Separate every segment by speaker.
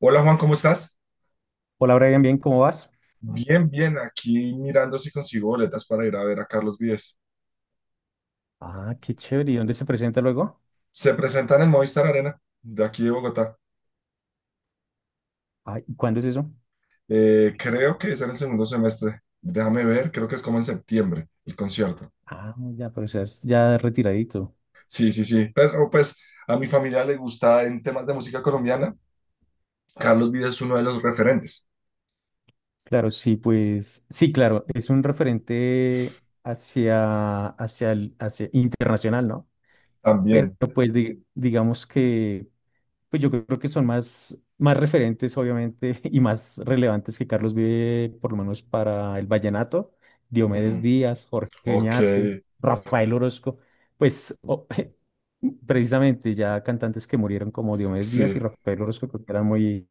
Speaker 1: Hola Juan, ¿cómo estás?
Speaker 2: Hola Brian, bien, ¿cómo vas?
Speaker 1: Bien, bien, aquí mirando si consigo boletas para ir a ver a Carlos Vives.
Speaker 2: Ah, qué chévere. ¿Y dónde se presenta luego?
Speaker 1: Se presentan en Movistar Arena, de aquí de Bogotá.
Speaker 2: Ay, ¿cuándo es eso?
Speaker 1: Creo que es en el segundo semestre. Déjame ver, creo que es como en septiembre el concierto.
Speaker 2: Ah, ya, pero seas ya retiradito.
Speaker 1: Sí, sí, sí. Pero pues a mi familia le gusta en temas de música colombiana. Carlos Vives es uno de los referentes
Speaker 2: Claro, sí, pues, sí, claro, es un referente hacia internacional, ¿no? Pero
Speaker 1: también.
Speaker 2: pues digamos que pues yo creo que son más referentes, obviamente, y más relevantes que Carlos Vive, por lo menos para el vallenato. Diomedes
Speaker 1: Ujú.
Speaker 2: Díaz, Jorge
Speaker 1: Ok,
Speaker 2: Oñate, Rafael Orozco, pues precisamente ya cantantes que murieron como Diomedes Díaz
Speaker 1: sí.
Speaker 2: y Rafael Orozco, creo que eran muy,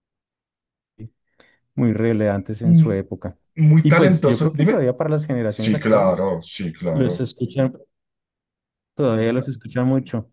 Speaker 2: muy relevantes en
Speaker 1: Mm.
Speaker 2: su época.
Speaker 1: Muy
Speaker 2: Y pues yo
Speaker 1: talentoso,
Speaker 2: creo que
Speaker 1: dime.
Speaker 2: todavía para las generaciones
Speaker 1: Sí,
Speaker 2: actuales,
Speaker 1: claro,
Speaker 2: pues
Speaker 1: sí,
Speaker 2: los
Speaker 1: claro.
Speaker 2: escuchan, todavía los escuchan mucho.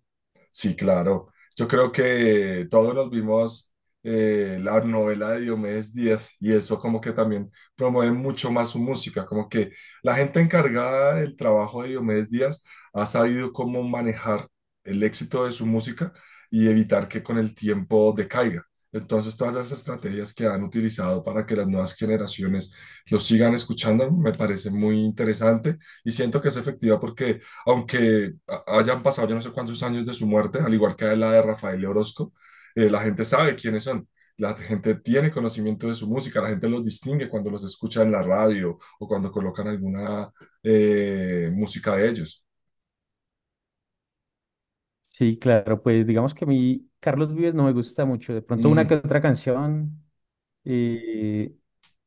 Speaker 1: Sí, claro. Yo creo que todos nos vimos la novela de Diomedes Díaz y eso como que también promueve mucho más su música, como que la gente encargada del trabajo de Diomedes Díaz ha sabido cómo manejar el éxito de su música y evitar que con el tiempo decaiga. Entonces, todas esas estrategias que han utilizado para que las nuevas generaciones lo sigan escuchando me parece muy interesante y siento que es efectiva porque aunque hayan pasado yo no sé cuántos años de su muerte, al igual que la de Rafael Orozco, la gente sabe quiénes son. La gente tiene conocimiento de su música, la gente los distingue cuando los escucha en la radio o cuando colocan alguna música de ellos.
Speaker 2: Sí, claro, pues digamos que a mí Carlos Vives no me gusta mucho. De pronto una que
Speaker 1: Ujú,
Speaker 2: otra canción, eh,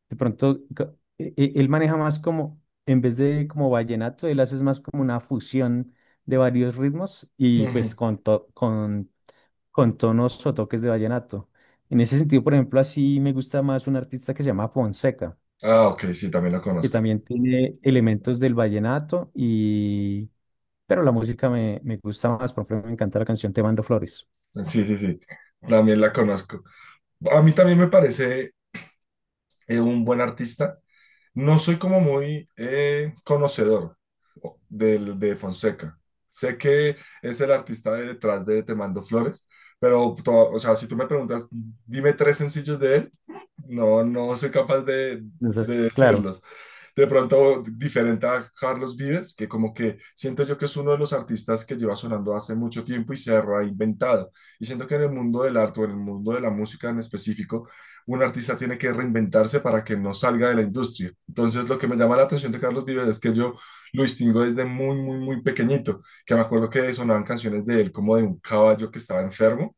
Speaker 2: de pronto ca- e- e- él maneja más como, en vez de como vallenato, él hace más como una fusión de varios ritmos y pues
Speaker 1: ujú.
Speaker 2: con tonos o toques de vallenato. En ese sentido, por ejemplo, así me gusta más un artista que se llama Fonseca,
Speaker 1: Ah, ok, sí, también la
Speaker 2: que
Speaker 1: conozco.
Speaker 2: también tiene elementos del vallenato y... Pero la música me gusta más, por ejemplo, me encanta la canción Te mando flores.
Speaker 1: Sí, sí, sí, también la conozco. A mí también me parece un buen artista. No soy como muy conocedor Fonseca. Sé que es el artista de detrás de Te Mando Flores, pero, o sea, si tú me preguntas, dime tres sencillos de él, no, no soy capaz de,
Speaker 2: Entonces,
Speaker 1: de
Speaker 2: claro,
Speaker 1: decirlos. De pronto, diferente a Carlos Vives, que como que siento yo que es uno de los artistas que lleva sonando hace mucho tiempo y se ha reinventado. Y siento que en el mundo del arte o en el mundo de la música en específico, un artista tiene que reinventarse para que no salga de la industria. Entonces, lo que me llama la atención de Carlos Vives es que yo lo distingo desde muy, muy, muy pequeñito, que me acuerdo que sonaban canciones de él como de un caballo que estaba enfermo,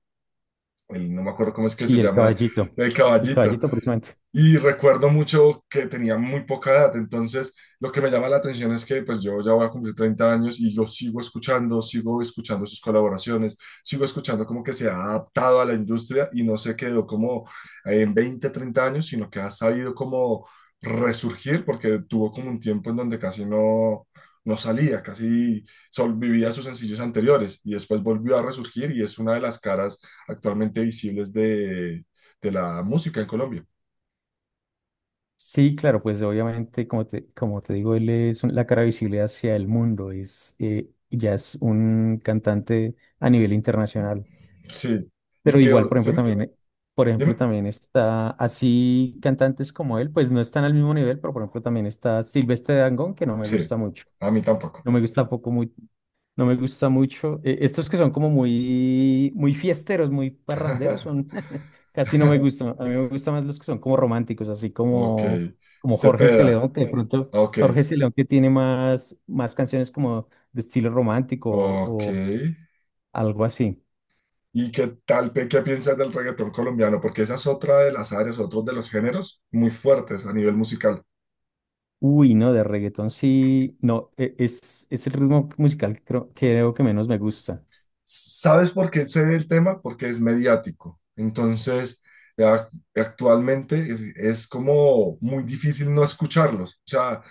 Speaker 1: él, no me acuerdo cómo es que se
Speaker 2: sí,
Speaker 1: llama, el
Speaker 2: el
Speaker 1: caballito,
Speaker 2: caballito precisamente.
Speaker 1: y recuerdo mucho que tenía muy poca edad, entonces lo que me llama la atención es que pues yo ya voy a cumplir 30 años y yo sigo escuchando sus colaboraciones, sigo escuchando como que se ha adaptado a la industria y no se quedó como en 20 30 años, sino que ha sabido como resurgir porque tuvo como un tiempo en donde casi no, no salía, casi sol vivía sus sencillos anteriores y después volvió a resurgir y es una de las caras actualmente visibles de la música en Colombia.
Speaker 2: Sí, claro, pues obviamente, como te digo, él es la cara visible hacia el mundo, ya es un cantante a nivel internacional.
Speaker 1: Sí. ¿Y
Speaker 2: Pero
Speaker 1: qué?
Speaker 2: igual,
Speaker 1: ¿Sí?
Speaker 2: por ejemplo,
Speaker 1: ¿Dime?
Speaker 2: también está así cantantes como él, pues no están al mismo nivel, pero por ejemplo también está Silvestre Dangond, que no me
Speaker 1: Sí.
Speaker 2: gusta mucho.
Speaker 1: A mí tampoco.
Speaker 2: No me gusta tampoco. No me gusta mucho. Estos que son como muy, muy fiesteros, muy parranderos, son casi no me gustan. A mí me gustan más los que son como románticos, así
Speaker 1: Ok.
Speaker 2: como, como Jorge
Speaker 1: Cepeda.
Speaker 2: Celedón, que de Ok. pronto
Speaker 1: Ok.
Speaker 2: Jorge Celedón que tiene más canciones como de estilo romántico
Speaker 1: Ok.
Speaker 2: o algo así.
Speaker 1: ¿Y qué tal, qué piensas del reggaetón colombiano? Porque esa es otra de las áreas, otro de los géneros muy fuertes a nivel musical.
Speaker 2: Uy, no, de reggaetón sí, no, es el ritmo musical que creo que menos me gusta.
Speaker 1: ¿Sabes por qué sé del tema? Porque es mediático. Entonces, a- actualmente es como muy difícil no escucharlos. O sea,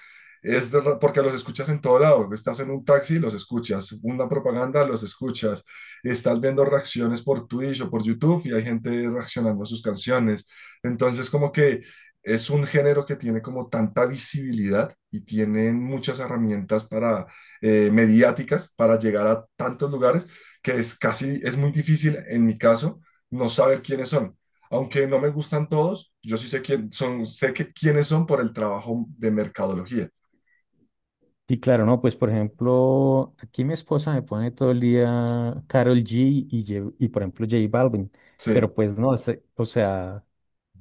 Speaker 1: porque los escuchas en todo lado. Estás en un taxi, los escuchas. Una propaganda, los escuchas. Estás viendo reacciones por Twitch o por YouTube y hay gente reaccionando a sus canciones. Entonces, como que es un género que tiene como tanta visibilidad y tienen muchas herramientas para mediáticas para llegar a tantos lugares que es casi, es muy difícil en mi caso no saber quiénes son. Aunque no me gustan todos, yo sí sé quién son, sé que quiénes son por el trabajo de mercadología.
Speaker 2: Sí, claro, no, pues por ejemplo, aquí mi esposa me pone todo el día Karol G y, Ye- y por ejemplo J Balvin,
Speaker 1: Sí.
Speaker 2: pero pues no, o sea,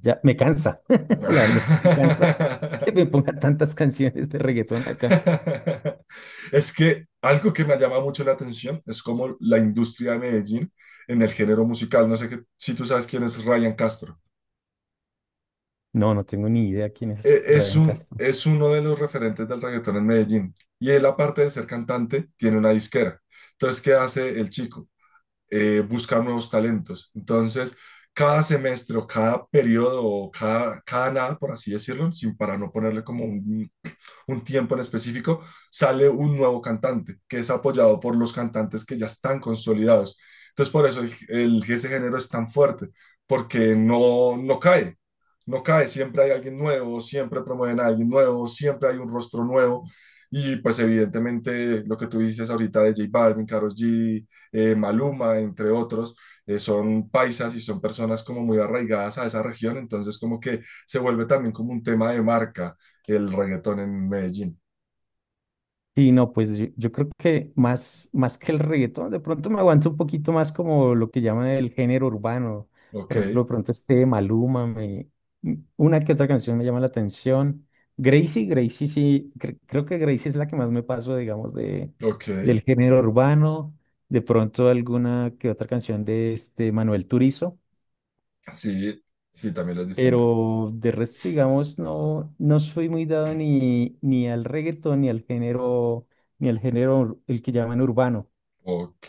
Speaker 2: ya me cansa, la verdad es que me cansa que me ponga tantas canciones de reggaetón acá.
Speaker 1: Es que algo que me llama mucho la atención es como la industria de Medellín en el género musical. No sé que, si tú sabes quién es Ryan Castro.
Speaker 2: No, no tengo ni idea quién es Ryan Castro.
Speaker 1: Es uno de los referentes del reggaetón en Medellín. Y él, aparte de ser cantante, tiene una disquera. Entonces, ¿qué hace el chico? Buscar nuevos talentos. Entonces, cada semestre o cada periodo o cada nada, por así decirlo, sin para no ponerle como un tiempo en específico, sale un nuevo cantante que es apoyado por los cantantes que ya están consolidados. Entonces, por eso el, ese género es tan fuerte, porque no, no cae, no cae, siempre hay alguien nuevo, siempre promueven a alguien nuevo, siempre hay un rostro nuevo. Y pues evidentemente lo que tú dices ahorita de J Balvin, Karol G, Maluma, entre otros, son paisas y son personas como muy arraigadas a esa región, entonces como que se vuelve también como un tema de marca, que el reggaetón en Medellín.
Speaker 2: Sí, no, pues yo creo que más que el reggaetón, de pronto me aguanto un poquito más como lo que llaman el género urbano.
Speaker 1: Ok,
Speaker 2: Por ejemplo, de pronto este de Maluma, una que otra canción me llama la atención. Gracie sí, creo que Gracie es la que más me paso, digamos, de,
Speaker 1: ok.
Speaker 2: del género urbano. De pronto alguna que otra canción de este Manuel Turizo.
Speaker 1: Sí, sí, también los distingo.
Speaker 2: Pero de resto, digamos, no, no soy muy dado ni al reggaetón, ni al género, el que llaman urbano.
Speaker 1: Ok,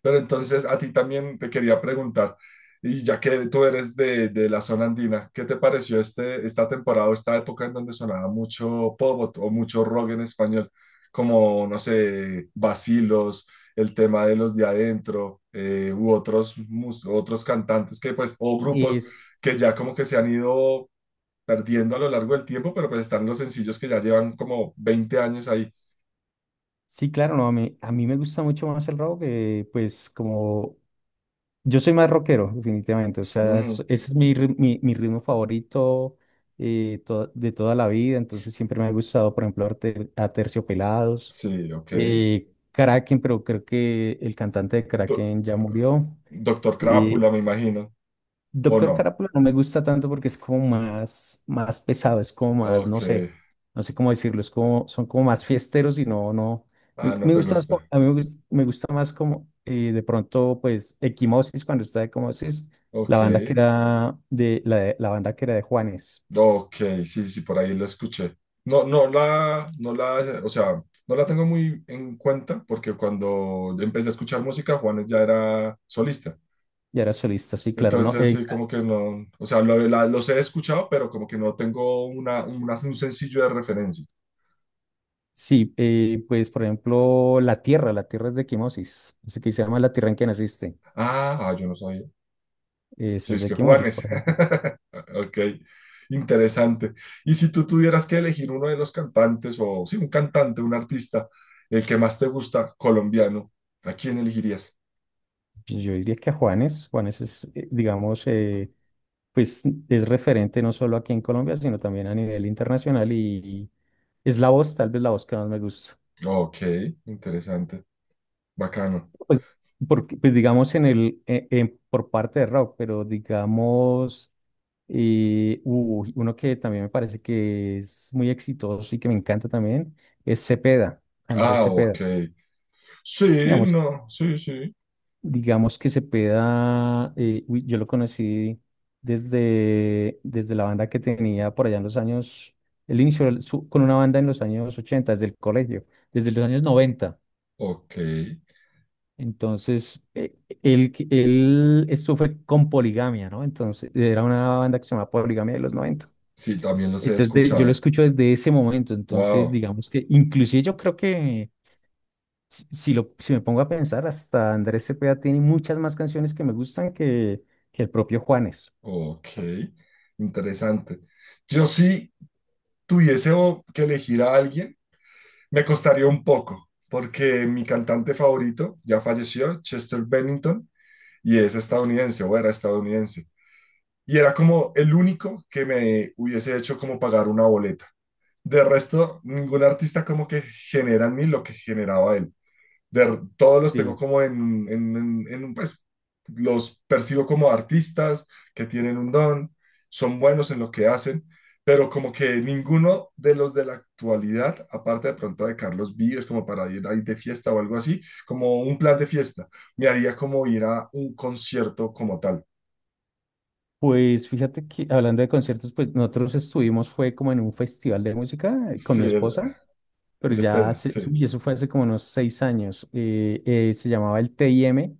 Speaker 1: pero entonces a ti también te quería preguntar, y ya que tú eres de la zona andina, ¿qué te pareció esta temporada o esta época en donde sonaba mucho pop o mucho rock en español? Como, no sé, Vacilos, el tema de los de adentro, u otros, otros cantantes que pues, o grupos
Speaker 2: Es,
Speaker 1: que ya como que se han ido perdiendo a lo largo del tiempo, pero pues están los sencillos que ya llevan como 20 años ahí.
Speaker 2: sí, claro, no, a mí me gusta mucho más el rock, que pues como yo soy más rockero, definitivamente. O sea,
Speaker 1: Mm,
Speaker 2: ese es mi ritmo favorito de toda la vida. Entonces siempre me ha gustado, por ejemplo, Aterciopelados,
Speaker 1: sí, ok.
Speaker 2: Kraken, pero creo que el cantante de
Speaker 1: Do-
Speaker 2: Kraken ya murió.
Speaker 1: Doctor Crápula,
Speaker 2: Eh,
Speaker 1: me imagino. ¿O
Speaker 2: Doctor
Speaker 1: no?
Speaker 2: Carapula no me gusta tanto porque es como más pesado, es como más, no
Speaker 1: Ok.
Speaker 2: sé, no sé cómo decirlo, es como, son como más fiesteros y no, no.
Speaker 1: Ah,
Speaker 2: Me,
Speaker 1: no
Speaker 2: me
Speaker 1: te
Speaker 2: gusta más,
Speaker 1: gusta.
Speaker 2: a mí me gusta, más como de pronto, pues, Equimosis, cuando está Equimosis, la
Speaker 1: Ok.
Speaker 2: banda que era la banda que era de Juanes,
Speaker 1: Ok, sí, sí, sí, por ahí lo escuché. No, no la, o sea, no la tengo muy en cuenta porque cuando empecé a escuchar música, Juanes ya era solista.
Speaker 2: y era solista, sí, claro, no,
Speaker 1: Entonces, sí, como que no, o sea, los he escuchado, pero como que no tengo una, un sencillo de referencia.
Speaker 2: sí, pues, por ejemplo, La Tierra es de Equimosis, así que se llama La Tierra en que naciste,
Speaker 1: Ah, ah, yo no sabía. ¿Sí
Speaker 2: esa es
Speaker 1: es
Speaker 2: de
Speaker 1: que
Speaker 2: Equimosis,
Speaker 1: Juanes.
Speaker 2: por ejemplo.
Speaker 1: Ok, interesante. Y si tú tuvieras que elegir uno de los cantantes, o sí, un cantante, un artista, el que más te gusta, colombiano, ¿a quién elegirías?
Speaker 2: Pues yo diría que a Juanes es, digamos, pues es referente no solo aquí en Colombia, sino también a nivel internacional y, es la voz, tal vez la voz que más me gusta.
Speaker 1: Ok, interesante, bacano.
Speaker 2: Pues, porque, pues digamos, por parte de rock, pero digamos, uy, uno que también me parece que es muy exitoso y que me encanta también, es Cepeda, Andrés
Speaker 1: Ah,
Speaker 2: Cepeda.
Speaker 1: ok. Sí,
Speaker 2: Digamos,
Speaker 1: no, sí, sí.
Speaker 2: digamos que se pueda, uy, yo lo conocí desde la banda que tenía por allá en los años, él inició con una banda en los años 80 desde el colegio, desde los años 90.
Speaker 1: Ok.
Speaker 2: Entonces, él, esto fue con Poligamia, ¿no? Entonces, era una banda que se llamaba Poligamia de los 90.
Speaker 1: Sí, también los he
Speaker 2: Entonces, de- yo lo
Speaker 1: escuchado.
Speaker 2: escucho desde ese momento. Entonces,
Speaker 1: Wow,
Speaker 2: digamos que, inclusive yo creo que si me pongo a pensar, hasta Andrés Cepeda tiene muchas más canciones que me gustan que el propio Juanes.
Speaker 1: ok. Interesante. Yo sí tuviese que elegir a alguien. Me costaría un poco, porque mi cantante favorito ya falleció, Chester Bennington, y es estadounidense o era estadounidense. Y era como el único que me hubiese hecho como pagar una boleta. De resto, ningún artista como que genera en mí lo que generaba él de, todos los tengo
Speaker 2: Sí.
Speaker 1: como un, pues, los percibo como artistas que tienen un don, son buenos en lo que hacen, pero como que ninguno de los de la actualidad, aparte de pronto de Carlos Vives, como para ir ahí de fiesta o algo así, como un plan de fiesta, me haría como ir a un concierto como tal.
Speaker 2: Pues fíjate que hablando de conciertos, pues nosotros estuvimos, fue como en un festival de música con
Speaker 1: Sí,
Speaker 2: mi
Speaker 1: el,
Speaker 2: esposa, pero
Speaker 1: el
Speaker 2: ya
Speaker 1: estéreo,
Speaker 2: hace,
Speaker 1: sí.
Speaker 2: uy, eso fue hace como unos 6 años. Se llamaba el TIM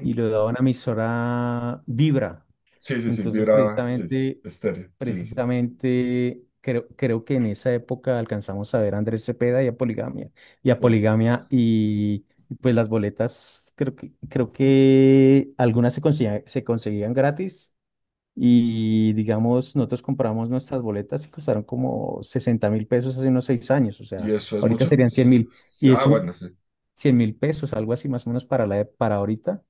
Speaker 2: y lo daba una emisora Vibra.
Speaker 1: Sí, sí, sí,
Speaker 2: Entonces,
Speaker 1: vibra, sí, sí,
Speaker 2: precisamente,
Speaker 1: estéreo, sí, sí, sí.
Speaker 2: precisamente creo que en esa época alcanzamos a ver a Andrés Cepeda y a Poligamia. Y a
Speaker 1: Oh,
Speaker 2: Poligamia y pues las boletas, creo que algunas se conseguían gratis y digamos, nosotros compramos nuestras boletas y costaron como 60.000 pesos hace unos 6 años, o
Speaker 1: ¿y
Speaker 2: sea,
Speaker 1: eso es
Speaker 2: ahorita
Speaker 1: mucho?
Speaker 2: serían 100.000
Speaker 1: Sí,
Speaker 2: y es
Speaker 1: Ah, bueno,
Speaker 2: un
Speaker 1: sí.
Speaker 2: 100.000 pesos, algo así más o menos para, la, e- para ahorita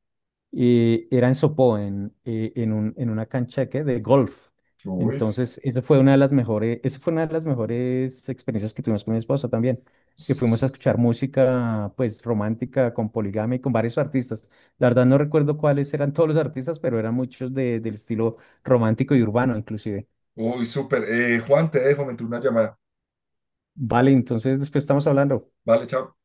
Speaker 2: era en Sopó, en una cancha de, ¿qué? De golf.
Speaker 1: Uy.
Speaker 2: Entonces, esa fue una de las mejores, esa fue una de las mejores experiencias que tuvimos con mi esposa también, que fuimos a escuchar música, pues, romántica, con Poligamia y con varios artistas. La verdad no recuerdo cuáles eran todos los artistas, pero eran muchos de- del estilo romántico y urbano, inclusive.
Speaker 1: Uy, súper. Juan, te dejo, me entró una llamada.
Speaker 2: Vale, entonces después estamos hablando.
Speaker 1: Vale, chao.